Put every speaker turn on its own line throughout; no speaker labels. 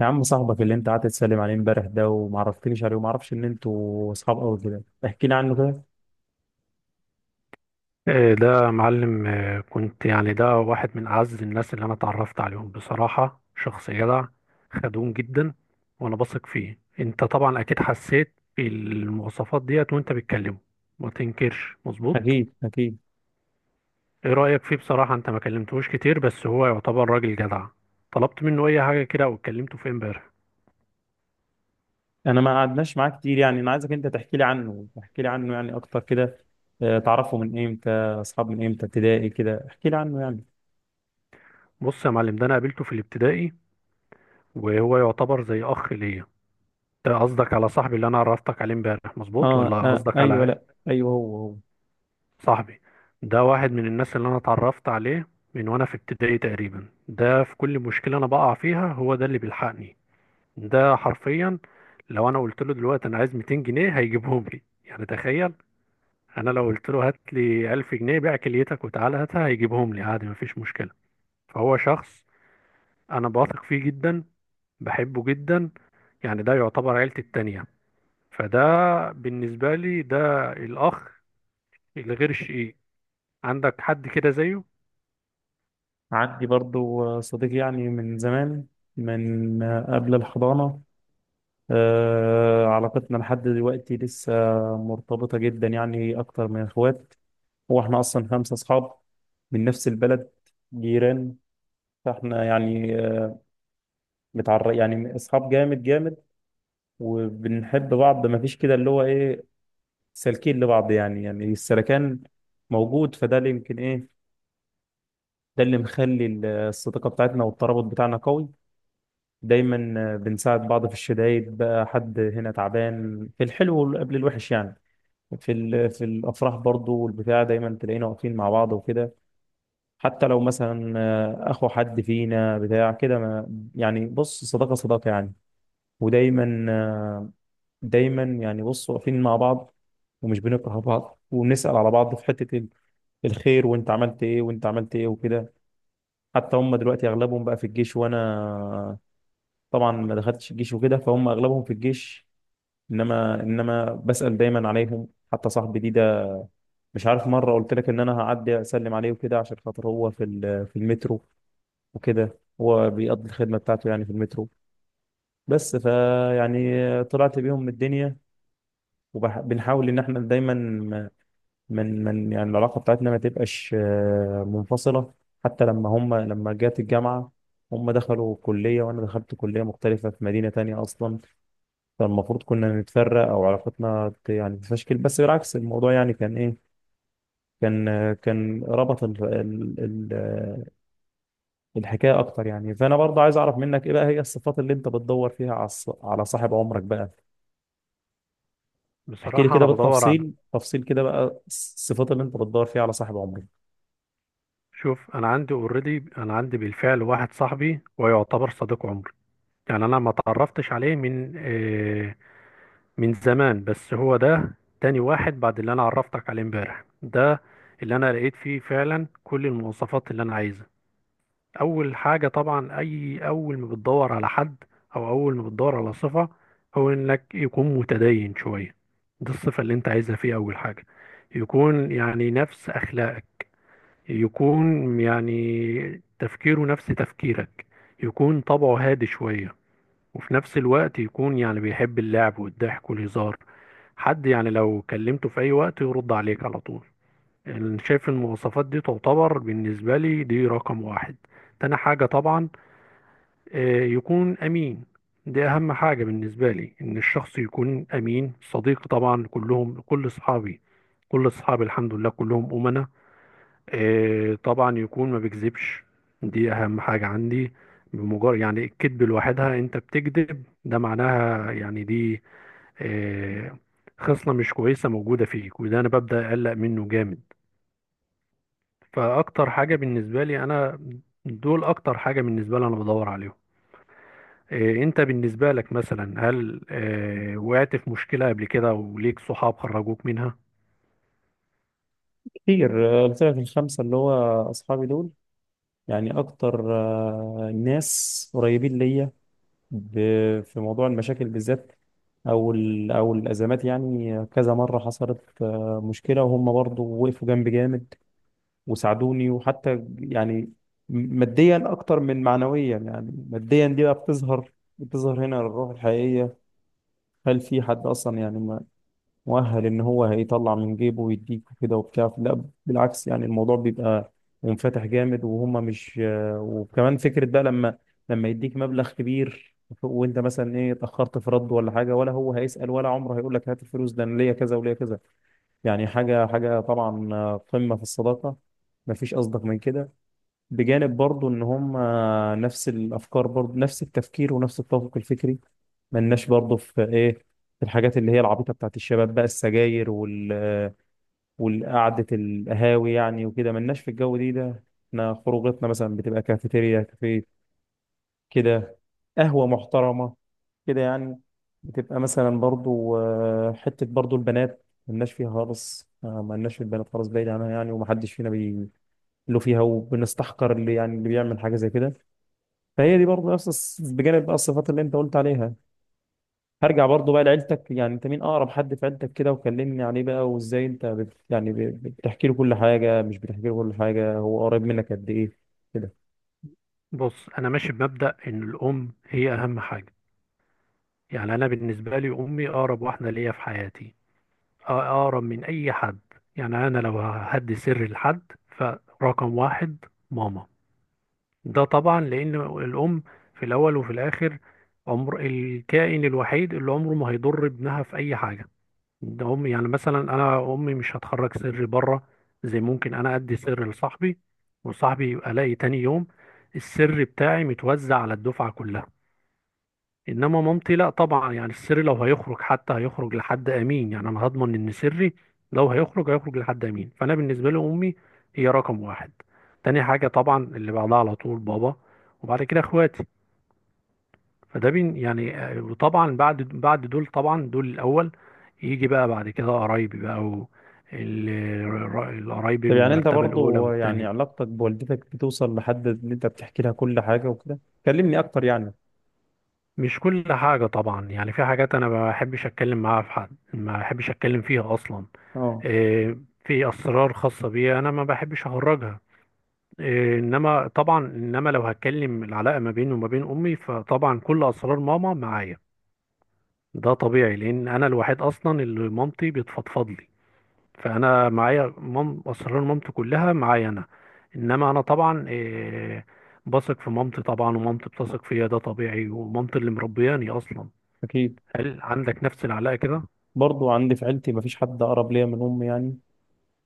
يا عم صاحبك اللي انت قعدت تسلم عليه امبارح ده وما عرفتنيش عليه وما اعرفش ان انتوا اصحاب قوي كده، احكي لي عنه كده.
إيه ده معلم، إيه كنت يعني ده واحد من أعز الناس اللي أنا اتعرفت عليهم. بصراحة شخص جدع، خدوم جدا، وأنا بثق فيه. أنت طبعا أكيد حسيت بالمواصفات ديت وأنت بتكلمه، ما تنكرش، مظبوط؟
اكيد اكيد.
إيه رأيك فيه بصراحة؟ أنت ما كلمتهوش كتير، بس هو يعتبر راجل جدع. طلبت منه أي حاجة كده أو اتكلمته في إمبارح؟
انا ما قعدناش معاه كتير، يعني انا عايزك انت تحكي لي عنه، تحكي لي عنه يعني اكتر كده. اه، تعرفه من امتى؟ اصحاب من امتى؟ ابتدائي كده؟ احكي لي عنه يعني.
بص يا معلم، ده أنا قابلته في الابتدائي، وهو يعتبر زي أخ ليا. ده قصدك على صاحبي اللي أنا عرفتك عليه إمبارح مظبوط، ولا
اه
قصدك
ايوه،
على
لا، ايوه هو هو.
صاحبي؟ ده واحد من الناس اللي انا اتعرفت عليه من وانا في ابتدائي تقريبا. ده في كل مشكلة انا بقع فيها هو ده اللي بيلحقني. ده حرفيا لو انا قلت له دلوقتي انا عايز 200 جنيه هيجيبهم لي، يعني تخيل. انا لو قلت له هات لي 1000 جنيه بيع كليتك وتعالى هاتها هيجيبهم لي عادي، مفيش مشكلة. فهو شخص انا بثق فيه جدا، بحبه جدا. يعني ده يعتبر عيلتي التانية، فده بالنسبة لي ده الاخ الغير شقيق. عندك حد كده زيه؟
عندي برضو صديق يعني من زمان، من قبل الحضانة. علاقتنا لحد دلوقتي لسه مرتبطة جدا، يعني أكتر من إخوات. هو احنا اصلا خمسه اصحاب من نفس البلد، جيران. فاحنا يعني آه، متعر يعني اصحاب جامد جامد، وبنحب بعض. ما فيش كده اللي هو ايه، سالكين لبعض، يعني السلكان موجود، فده اللي يمكن ايه، ده اللي مخلي الصداقه بتاعتنا والترابط بتاعنا قوي. دايما بنساعد بعض في الشدايد، بقى حد هنا تعبان، في الحلو قبل الوحش يعني. في في الافراح برضو والبتاع دايما تلاقينا واقفين مع بعض وكده. حتى لو مثلا اخو حد فينا بتاع كده، ما يعني بص، صداقه صداقه يعني. ودايما دايما يعني بص واقفين مع بعض، ومش بنكره بعض، وبنسال على بعض في حته الخير، وانت عملت ايه، وانت عملت ايه وكده. حتى هم دلوقتي اغلبهم بقى في الجيش، وانا طبعا ما دخلتش الجيش وكده، فهم اغلبهم في الجيش. انما بسال دايما عليهم. حتى صاحبي دي ده، مش عارف مره قلت لك ان انا هعدي اسلم عليه وكده عشان خاطر هو في في المترو وكده، هو بيقضي الخدمة بتاعته يعني في المترو. بس فيعني طلعت بيهم من الدنيا، وبنحاول ان احنا دايما من يعني العلاقة بتاعتنا ما تبقاش منفصلة. حتى لما هم لما جت الجامعة، هم دخلوا كلية وانا دخلت كلية مختلفة في مدينة تانية اصلا، فالمفروض كنا نتفرق او علاقتنا يعني تتفشكل، بس بالعكس الموضوع يعني كان ايه، كان كان ربط ال- الحكايه اكتر يعني. فانا برضه عايز اعرف منك ايه بقى هي الصفات اللي انت بتدور فيها على على صاحب عمرك بقى. احكي لي
بصراحة
كده
أنا بدور على،
بالتفصيل تفصيل كده بقى الصفات اللي انت بتدور فيها على صاحب عمرك.
شوف أنا عندي أوريدي، أنا عندي بالفعل واحد صاحبي ويعتبر صديق عمري. يعني أنا ما تعرفتش عليه من من زمان، بس هو ده تاني واحد بعد اللي أنا عرفتك عليه امبارح، ده اللي أنا لقيت فيه فعلا كل المواصفات اللي أنا عايزها. أول حاجة طبعا، أي أول ما بتدور على حد أو أول ما بتدور على صفة، هو إنك يكون متدين شوية. دي الصفة اللي أنت عايزها فيه أول حاجة. يكون يعني نفس أخلاقك، يكون يعني تفكيره نفس تفكيرك، يكون طبعه هادي شوية، وفي نفس الوقت يكون يعني بيحب اللعب والضحك والهزار. حد يعني لو كلمته في أي وقت يرد عليك على طول. أنا شايف المواصفات دي تعتبر بالنسبة لي دي رقم واحد. تاني حاجة طبعا، يكون أمين. دي أهم حاجة بالنسبة لي، إن الشخص يكون أمين. صديق طبعا كلهم، كل أصحابي، كل أصحابي الحمد لله كلهم أمناء. طبعا يكون ما بيكذبش. دي اهم حاجة عندي. بمجرد يعني الكذب لوحدها انت بتكذب، ده معناها يعني دي آه، خصلة مش كويسة موجودة فيك، وده انا ببدأ اقلق منه جامد. فاكتر حاجة بالنسبة لي انا، دول اكتر حاجة بالنسبة لي انا بدور عليهم. انت بالنسبة لك مثلا هل وقعت في مشكلة قبل كده وليك صحاب خرجوك منها؟
كتير، قلت لك الخمسه اللي هو اصحابي دول، يعني اكتر ناس قريبين ليا. في موضوع المشاكل بالذات او او الازمات، يعني كذا مره حصلت مشكله وهم برضه وقفوا جنبي جامد وساعدوني. وحتى يعني ماديا اكتر من معنويا، يعني ماديا دي بقى بتظهر هنا الروح الحقيقية. هل في حد اصلا يعني مؤهل ان هو هيطلع من جيبه ويديك وكده وبتاع؟ لا بالعكس، يعني الموضوع بيبقى منفتح جامد، وهم مش وكمان فكرة بقى لما لما يديك مبلغ كبير، وانت مثلا ايه اتاخرت في رد ولا حاجه، ولا هو هيسال، ولا عمره هيقول لك هات الفلوس، ده انا ليا كذا وليا كذا. يعني حاجه حاجه طبعا، قمه في الصداقه، مفيش اصدق من كده. بجانب برضو ان هم نفس الافكار، برضو نفس التفكير ونفس التوافق الفكري. ملناش برضو في ايه، في الحاجات اللي هي العبيطه بتاعت الشباب بقى، السجاير وال والقعده القهاوي يعني وكده، ملناش في الجو دي ده. احنا خروجاتنا مثلا بتبقى كافيتيريا كافيه كده، قهوه محترمه كده يعني. بتبقى مثلا برضو حته برضو البنات، ملناش فيها خالص، ملناش في البنات خالص، بعيد عنها يعني، ومحدش فينا بي له فيها، وبنستحقر اللي يعني اللي بيعمل حاجه زي كده. فهي دي برضه نفس بجانب بقى الصفات اللي انت قلت عليها. هرجع برضه بقى لعيلتك، يعني انت مين اقرب حد في عيلتك كده؟ وكلمني عليه بقى، وازاي انت بت يعني بتحكي له كل حاجه، مش بتحكي له كل حاجه، هو قريب منك قد ايه كده؟
بص انا ماشي بمبدأ ان الام هي اهم حاجة. يعني انا بالنسبه لي امي اقرب واحده ليا في حياتي، اقرب من اي حد. يعني انا لو هدي سر لحد فرقم واحد ماما. ده طبعا لان الام في الاول وفي الاخر عمر الكائن الوحيد اللي عمره ما هيضر ابنها في اي حاجه، ده امي. يعني مثلا انا امي مش هتخرج سر بره، زي ممكن انا ادي سر لصاحبي وصاحبي يبقى الاقي تاني يوم السر بتاعي متوزع على الدفعه كلها. انما مامتي لا طبعا، يعني السر لو هيخرج حتى هيخرج لحد امين. يعني انا هضمن ان سري لو هيخرج هيخرج لحد امين. فانا بالنسبه لي امي هي رقم واحد. تاني حاجه طبعا اللي بعدها على طول بابا، وبعد كده اخواتي. فده بين يعني وطبعا بعد دول طبعا، دول الاول. يجي بقى بعد كده قرايبي بقى، و القرايبي
طب
من
يعني انت
المرتبه الاولى
برضه يعني
والتانيه.
علاقتك بوالدتك بتوصل لحد ان انت بتحكي لها كل حاجه وكده؟ كلمني اكتر يعني.
مش كل حاجه طبعا، يعني في حاجات انا ما بحبش اتكلم معاها، في حد ما بحبش اتكلم فيها اصلا.
اه،
آه، في اسرار خاصه بيا انا ما بحبش اخرجها. انما طبعا، لو هتكلم العلاقه ما بيني وما بين امي فطبعا كل اسرار ماما معايا. ده طبيعي لان انا الوحيد اصلا اللي مامتي بتفضفض لي. فانا معايا اسرار مامتي كلها معايا انا. انما انا طبعا، بثق في مامتي طبعا، ومامتي بتثق فيا، ده طبيعي، ومامتي اللي مربياني اصلا.
اكيد.
هل عندك نفس العلاقه كده؟
برضه عندي في عيلتي مفيش حد اقرب ليا من امي يعني.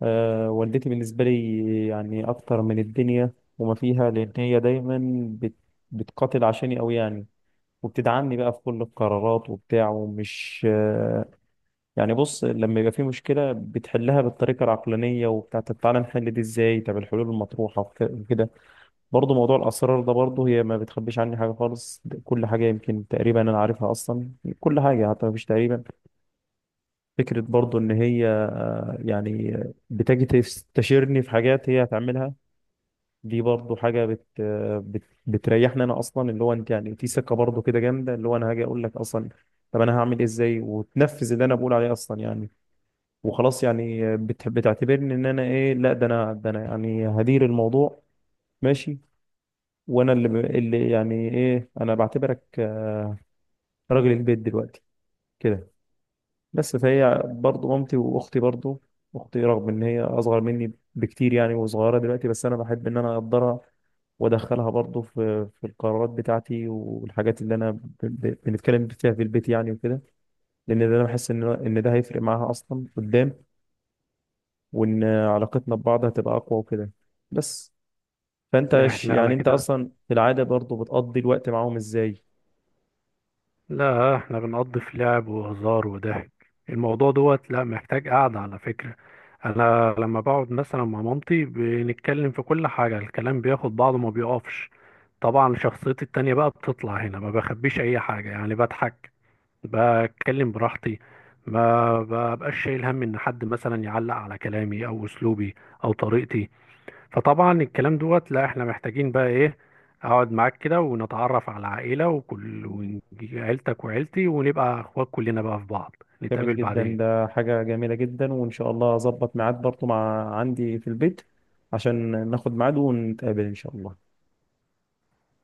والدتي بالنسبة لي يعني أكتر من الدنيا وما فيها، لأن هي دايما بت... بتقاتل عشاني أوي يعني، وبتدعمني بقى في كل القرارات وبتاع، ومش يعني بص، لما يبقى في مشكلة بتحلها بالطريقة العقلانية وبتاع، طب تعالى نحل دي إزاي، طب الحلول المطروحة وكده. برضه موضوع الأسرار ده، برضه هي ما بتخبيش عني حاجة خالص، ده كل حاجة يمكن تقريبا أنا عارفها أصلا. كل حاجة حتى، مفيش تقريبا. فكرة برضه إن هي يعني بتجي تستشيرني في حاجات هي هتعملها، دي برضو حاجة بتريحني أنا أصلا، اللي هو أنت يعني في ثقة برضو كده جامدة، اللي هو أنا هاجي أقول لك أصلا طب أنا هعمل إيه إزاي، وتنفذ اللي أنا بقول عليه أصلا يعني، وخلاص يعني بتعتبرني إن أنا إيه، لا ده أنا، ده أنا يعني هدير الموضوع، ماشي. وأنا اللي اللي يعني إيه، أنا بعتبرك راجل البيت دلوقتي كده. بس فهي برضه مامتي، واختي برضه، اختي رغم ان هي اصغر مني بكتير يعني وصغيره دلوقتي، بس انا بحب ان انا اقدرها وادخلها برضه في القرارات بتاعتي والحاجات اللي انا بنتكلم فيها في البيت يعني وكده، لان ده انا بحس ان ده هيفرق معاها اصلا قدام، وان علاقتنا ببعض هتبقى اقوى وكده. بس فانت
لا احنا
يعني
على
انت
كده،
اصلا في العاده برضه بتقضي الوقت معاهم ازاي؟
لا احنا بنقضي في لعب وهزار وضحك. الموضوع دوت لا محتاج قعدة على فكرة. انا لما بقعد مثلا مع مامتي بنتكلم في كل حاجة، الكلام بياخد بعضه ما بيقفش. طبعا شخصيتي التانية بقى بتطلع هنا، ما بخبيش اي حاجة، يعني بضحك، بتكلم براحتي، ما ببقاش شايل هم ان حد مثلا يعلق على كلامي او اسلوبي او طريقتي. فطبعا الكلام دوت لا احنا محتاجين بقى ايه، اقعد معاك كده ونتعرف على عائلة وكل عيلتك وعيلتي ونبقى اخوات كلنا بقى في بعض،
جميل
نتقابل
جدا،
بعدين.
ده حاجة جميلة جدا، وإن شاء الله أظبط ميعاد برضه مع عندي في البيت عشان ناخد ميعاد ونتقابل إن شاء الله.